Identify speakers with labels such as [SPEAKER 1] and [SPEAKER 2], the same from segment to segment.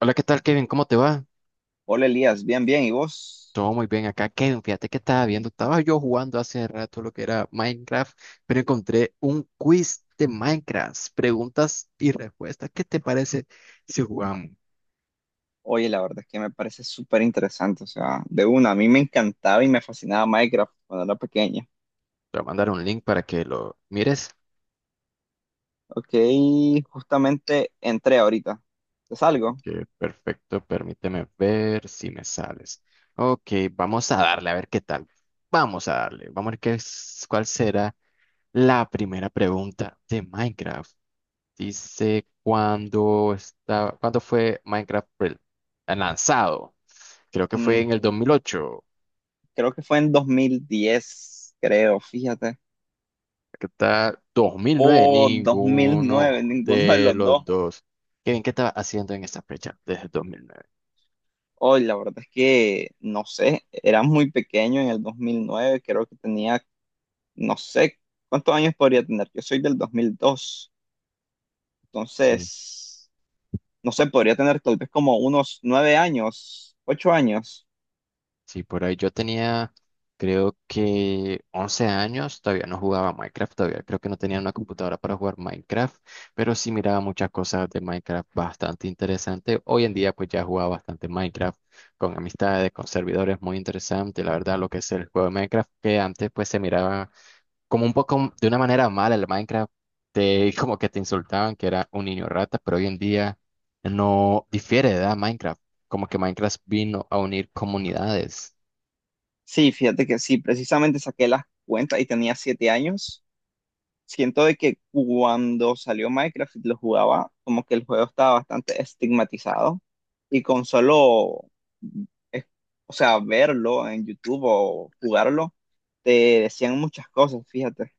[SPEAKER 1] Hola, ¿qué tal, Kevin? ¿Cómo te va?
[SPEAKER 2] Hola Elías, bien, bien, ¿y vos?
[SPEAKER 1] Todo muy bien acá, Kevin. Fíjate que estaba yo jugando hace rato lo que era Minecraft, pero encontré un quiz de Minecraft, preguntas y respuestas. ¿Qué te parece si jugamos?
[SPEAKER 2] Oye, la verdad es que me parece súper interesante, o sea, de una, a mí me encantaba y me fascinaba Minecraft cuando era pequeña.
[SPEAKER 1] Te voy a mandar un link para que lo mires.
[SPEAKER 2] Ok, justamente entré ahorita, ¿te salgo?
[SPEAKER 1] Ok, perfecto, permíteme ver si me sales. Ok, vamos a darle, a ver qué tal. Vamos a darle, vamos a ver qué es, cuál será la primera pregunta de Minecraft. Dice cuándo fue Minecraft lanzado. Creo que
[SPEAKER 2] Mm,
[SPEAKER 1] fue en el 2008.
[SPEAKER 2] creo que fue en 2010, creo, fíjate,
[SPEAKER 1] Aquí está 2009.
[SPEAKER 2] o 2009.
[SPEAKER 1] Ninguno
[SPEAKER 2] Ninguno de
[SPEAKER 1] de
[SPEAKER 2] los
[SPEAKER 1] los
[SPEAKER 2] dos.
[SPEAKER 1] dos. ¿Qué estaba haciendo en esa fecha desde 2009?
[SPEAKER 2] Oye, la verdad es que, no sé, era muy pequeño en el 2009. Creo que tenía, no sé, ¿cuántos años podría tener? Yo soy del 2002, entonces, no sé, podría tener tal vez como unos 9 años, 8 años.
[SPEAKER 1] Sí, por ahí yo tenía, creo que 11 años, todavía no jugaba Minecraft, todavía creo que no tenía una computadora para jugar Minecraft, pero sí miraba muchas cosas de Minecraft bastante interesante. Hoy en día pues ya jugaba bastante Minecraft con amistades, con servidores, muy interesante, la verdad, lo que es el juego de Minecraft, que antes pues se miraba como un poco de una manera mala el Minecraft, como que te insultaban que era un niño rata, pero hoy en día no difiere de edad Minecraft, como que Minecraft vino a unir comunidades.
[SPEAKER 2] Sí, fíjate que sí, precisamente saqué las cuentas y tenía 7 años. Siento de que cuando salió Minecraft y lo jugaba, como que el juego estaba bastante estigmatizado y con solo, es- o sea, verlo en YouTube o jugarlo, te decían muchas cosas, fíjate.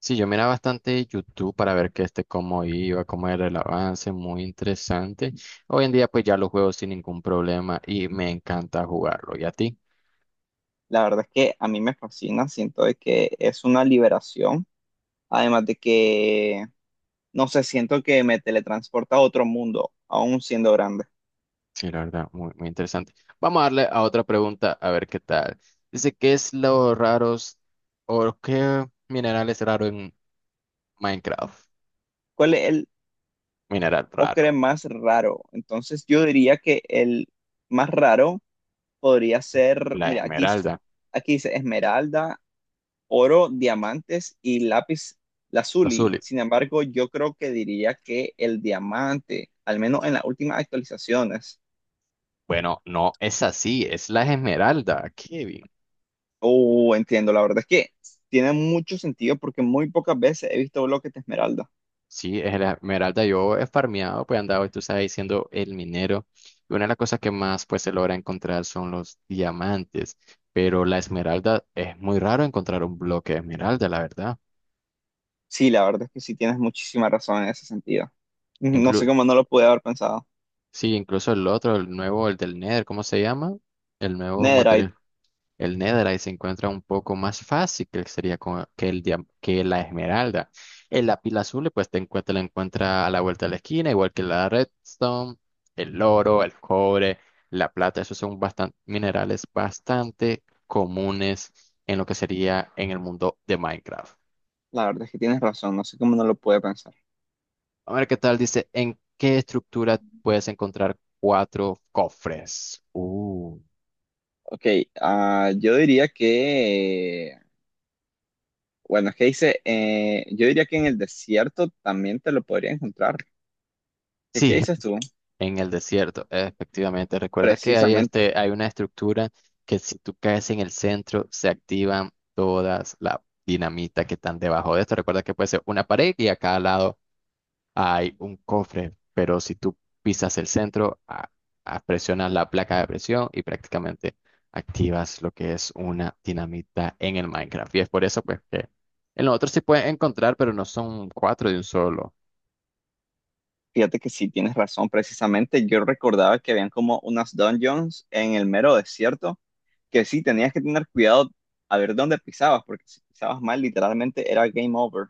[SPEAKER 1] Sí, yo miraba bastante YouTube para ver que este cómo iba, cómo era el avance, muy interesante. Hoy en día pues ya lo juego sin ningún problema y me encanta jugarlo. ¿Y a ti?
[SPEAKER 2] La verdad es que a mí me fascina, siento de que es una liberación, además de que no sé, siento que me teletransporta a otro mundo, aún siendo grande.
[SPEAKER 1] Sí, la verdad, muy, muy interesante. Vamos a darle a otra pregunta a ver qué tal. Dice, qué mineral es raro en Minecraft?
[SPEAKER 2] ¿Cuál es el
[SPEAKER 1] Mineral
[SPEAKER 2] ocre
[SPEAKER 1] raro,
[SPEAKER 2] más raro? Entonces yo diría que el más raro podría ser,
[SPEAKER 1] la
[SPEAKER 2] mira, aquí,
[SPEAKER 1] esmeralda,
[SPEAKER 2] aquí dice esmeralda, oro, diamantes y lápiz
[SPEAKER 1] la
[SPEAKER 2] lazuli.
[SPEAKER 1] azul.
[SPEAKER 2] Sin embargo, yo creo que diría que el diamante, al menos en las últimas actualizaciones.
[SPEAKER 1] Bueno, no es así, es la esmeralda, Kevin.
[SPEAKER 2] Oh, entiendo, la verdad es que tiene mucho sentido porque muy pocas veces he visto bloques de esmeralda.
[SPEAKER 1] Sí, es la esmeralda. Yo he farmeado, pues he andado, tú sabes, siendo el minero. Y una de las cosas que más pues se logra encontrar son los diamantes. Pero la esmeralda es muy raro encontrar un bloque de esmeralda, la verdad.
[SPEAKER 2] Sí, la verdad es que sí tienes muchísima razón en ese sentido. No sé
[SPEAKER 1] Inclu-
[SPEAKER 2] cómo no lo pude haber pensado.
[SPEAKER 1] sí, incluso el otro, el nuevo, el del Nether, ¿cómo se llama? El nuevo
[SPEAKER 2] Netherite,
[SPEAKER 1] material. El Netherite se encuentra un poco más fácil que sería co- que, el, dia- que la esmeralda. El lápiz azul, pues te encuentra, la encuentra a la vuelta de la esquina, igual que la redstone, el oro, el cobre, la plata. Esos son bastante, minerales bastante comunes en lo que sería en el mundo de Minecraft.
[SPEAKER 2] la verdad es que tienes razón, no sé cómo no lo pude pensar.
[SPEAKER 1] A ver qué tal, dice, ¿en qué estructura puedes encontrar cuatro cofres?
[SPEAKER 2] Ok, ah, yo diría que, bueno, es que dice, yo diría que en el desierto también te lo podría encontrar. ¿Qué
[SPEAKER 1] Sí,
[SPEAKER 2] dices tú?
[SPEAKER 1] en el desierto, efectivamente. Recuerda que hay
[SPEAKER 2] Precisamente,
[SPEAKER 1] este, hay una estructura que si tú caes en el centro, se activan todas las dinamitas que están debajo de esto. Recuerda que puede ser una pared y a cada lado hay un cofre, pero si tú pisas el centro, presionas la placa de presión y prácticamente activas lo que es una dinamita en el Minecraft. Y es por eso pues que en los otros sí puedes encontrar, pero no son cuatro de un solo.
[SPEAKER 2] fíjate que sí tienes razón, precisamente yo recordaba que habían como unas dungeons en el mero desierto, que sí tenías que tener cuidado a ver dónde pisabas, porque si pisabas mal, literalmente era game over.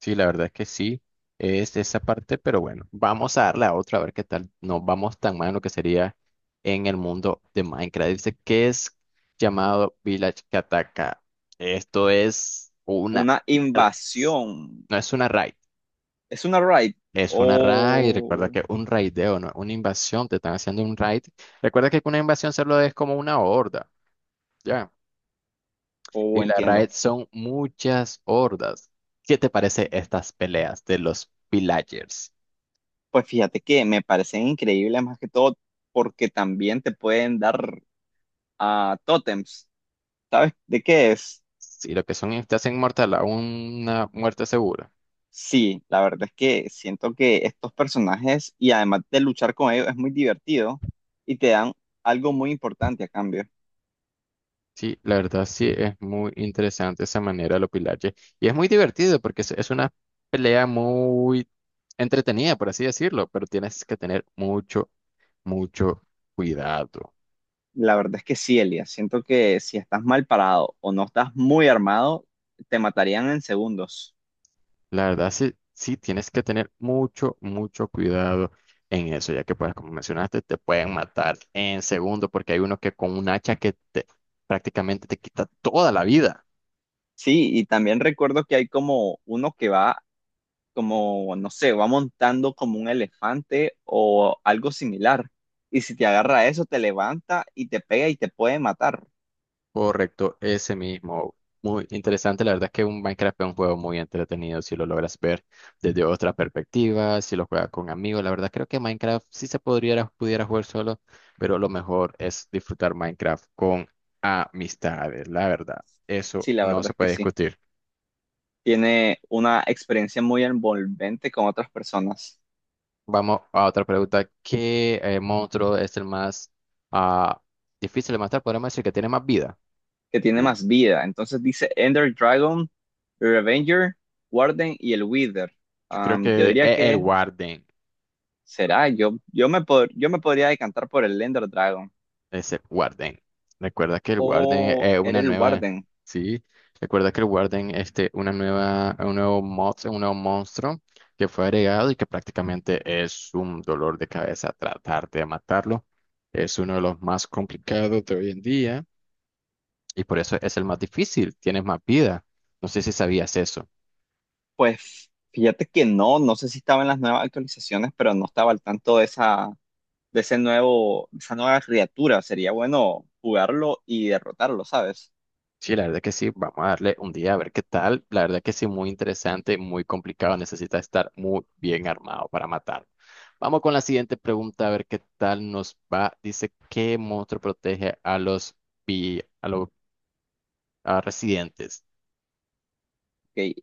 [SPEAKER 1] Sí, la verdad es que sí, es esa parte, pero bueno, vamos a darle a otra a ver qué tal. No vamos tan mal en lo que sería en el mundo de Minecraft. Dice que es llamado Village Kataka. Esto es una.
[SPEAKER 2] Una invasión.
[SPEAKER 1] No es una raid,
[SPEAKER 2] ¿Es una raid?
[SPEAKER 1] es una raid. Recuerda
[SPEAKER 2] O,
[SPEAKER 1] que un raideo, no es una invasión, te están haciendo un raid. Recuerda que una invasión solo es como una horda, ¿ya? Y
[SPEAKER 2] o
[SPEAKER 1] la
[SPEAKER 2] entiendo.
[SPEAKER 1] raid son muchas hordas. ¿Qué te parece estas peleas de los villagers?
[SPEAKER 2] Pues fíjate que me parecen increíbles más que todo porque también te pueden dar a tótems. ¿Sabes de qué es?
[SPEAKER 1] Sí, lo que son es te hacen mortal a una muerte segura.
[SPEAKER 2] Sí, la verdad es que siento que estos personajes y además de luchar con ellos es muy divertido y te dan algo muy importante a cambio.
[SPEAKER 1] Sí, la verdad sí es muy interesante esa manera de los pilaches. Y es muy divertido porque es una pelea muy entretenida, por así decirlo, pero tienes que tener mucho, mucho cuidado.
[SPEAKER 2] La verdad es que sí, Elia. Siento que si estás mal parado o no estás muy armado, te matarían en segundos.
[SPEAKER 1] La verdad sí, sí tienes que tener mucho, mucho cuidado en eso, ya que pues como mencionaste, te pueden matar en segundo porque hay uno que con un hacha que prácticamente te quita toda la vida.
[SPEAKER 2] Sí, y también recuerdo que hay como uno que va, como, no sé, va montando como un elefante o algo similar. Y si te agarra eso, te levanta y te pega y te puede matar.
[SPEAKER 1] Correcto, ese mismo. Muy interesante, la verdad es que un Minecraft es un juego muy entretenido si lo logras ver desde otra perspectiva, si lo juegas con amigos, la verdad creo que Minecraft sí se podría, pudiera jugar solo, pero lo mejor es disfrutar Minecraft con amistades, la verdad, eso
[SPEAKER 2] Sí, la
[SPEAKER 1] no
[SPEAKER 2] verdad
[SPEAKER 1] se
[SPEAKER 2] es que
[SPEAKER 1] puede
[SPEAKER 2] sí.
[SPEAKER 1] discutir.
[SPEAKER 2] Tiene una experiencia muy envolvente con otras personas,
[SPEAKER 1] Vamos a otra pregunta, ¿qué monstruo es el más ah, difícil de matar? Podríamos decir que tiene más vida.
[SPEAKER 2] que tiene
[SPEAKER 1] Uh,
[SPEAKER 2] más vida. Entonces dice Ender Dragon, Revenger, Warden y el Wither.
[SPEAKER 1] yo creo
[SPEAKER 2] Yo
[SPEAKER 1] que
[SPEAKER 2] diría
[SPEAKER 1] es el
[SPEAKER 2] que
[SPEAKER 1] Warden.
[SPEAKER 2] será, yo me podría decantar por el Ender Dragon
[SPEAKER 1] Es el Warden. Recuerda que el Warden
[SPEAKER 2] o
[SPEAKER 1] es
[SPEAKER 2] era
[SPEAKER 1] una
[SPEAKER 2] el
[SPEAKER 1] nueva.
[SPEAKER 2] Warden.
[SPEAKER 1] Sí. Recuerda que el Warden este, una nueva, un nuevo mod, un nuevo monstruo que fue agregado y que prácticamente es un dolor de cabeza tratar de matarlo. Es uno de los más complicados de hoy en día y por eso es el más difícil. Tienes más vida. No sé si sabías eso.
[SPEAKER 2] Pues fíjate que no, no sé si estaba en las nuevas actualizaciones, pero no estaba al tanto de esa, de ese nuevo, esa nueva criatura. Sería bueno jugarlo y derrotarlo, ¿sabes?
[SPEAKER 1] Sí, la verdad que sí, vamos a darle un día a ver qué tal. La verdad que sí, muy interesante, muy complicado, necesita estar muy bien armado para matar. Vamos con la siguiente pregunta, a ver qué tal nos va. Dice, ¿qué monstruo protege a los, vi- a los a residentes?
[SPEAKER 2] Que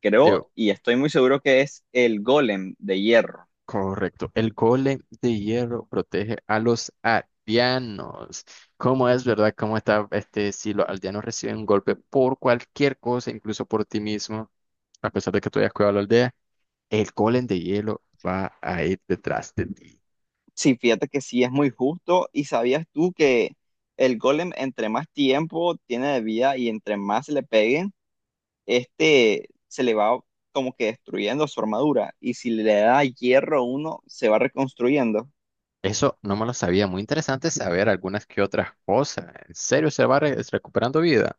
[SPEAKER 2] creo
[SPEAKER 1] Digo,
[SPEAKER 2] y estoy muy seguro que es el Golem de hierro.
[SPEAKER 1] correcto. El golem de hierro protege a los aldeanos. ¿Cómo es, verdad? ¿Cómo está este? Si los aldeanos reciben un golpe por cualquier cosa, incluso por ti mismo, a pesar de que tú hayas cuidado la aldea, el golem de hielo va a ir detrás de ti.
[SPEAKER 2] Sí, fíjate que sí es muy justo. ¿Y sabías tú que el Golem entre más tiempo tiene de vida y entre más le peguen, este se le va como que destruyendo su armadura? Y si le da hierro uno, se va reconstruyendo.
[SPEAKER 1] Eso no me lo sabía. Muy interesante saber algunas que otras cosas. ¿En serio se va recuperando vida?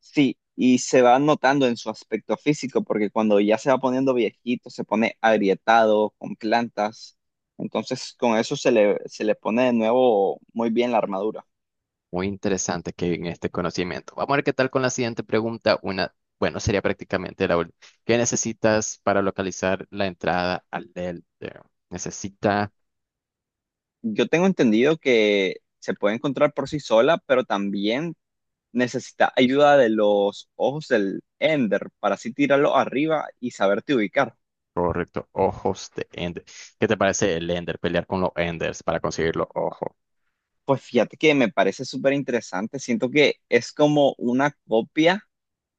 [SPEAKER 2] Sí, y se va notando en su aspecto físico, porque cuando ya se va poniendo viejito, se pone agrietado, con plantas. Entonces, con eso se le pone de nuevo muy bien la armadura.
[SPEAKER 1] Muy interesante que en este conocimiento. Vamos a ver qué tal con la siguiente pregunta. Una, bueno, sería prácticamente la última. ¿Qué necesitas para localizar la entrada al Ender? Necesita,
[SPEAKER 2] Yo tengo entendido que se puede encontrar por sí sola, pero también necesita ayuda de los ojos del Ender para así tirarlo arriba y saberte ubicar.
[SPEAKER 1] correcto, ojos de Ender. ¿Qué te parece el Ender? Pelear con los Enders para conseguir los ojos.
[SPEAKER 2] Pues fíjate que me parece súper interesante. Siento que es como una copia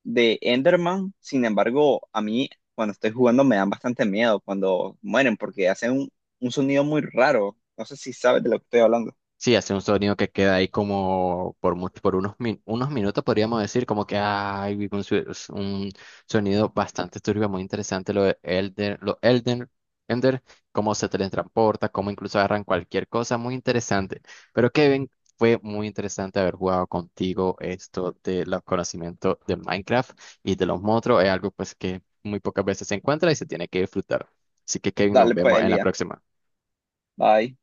[SPEAKER 2] de Enderman, sin embargo, a mí cuando estoy jugando me dan bastante miedo cuando mueren porque hacen un sonido muy raro. No sé si sabes de lo que estoy hablando.
[SPEAKER 1] Sí, hace un sonido que queda ahí como por mucho, por unos minutos podríamos decir, como que es un sonido bastante turbio, muy interesante lo de Elden, lo Elden, Ender, cómo se teletransporta, cómo incluso agarran cualquier cosa, muy interesante. Pero Kevin, fue muy interesante haber jugado contigo esto de los conocimientos de Minecraft y de los monstruos, es algo pues que muy pocas veces se encuentra y se tiene que disfrutar. Así que Kevin, nos
[SPEAKER 2] Dale pues,
[SPEAKER 1] vemos en la
[SPEAKER 2] Elías.
[SPEAKER 1] próxima.
[SPEAKER 2] Bye.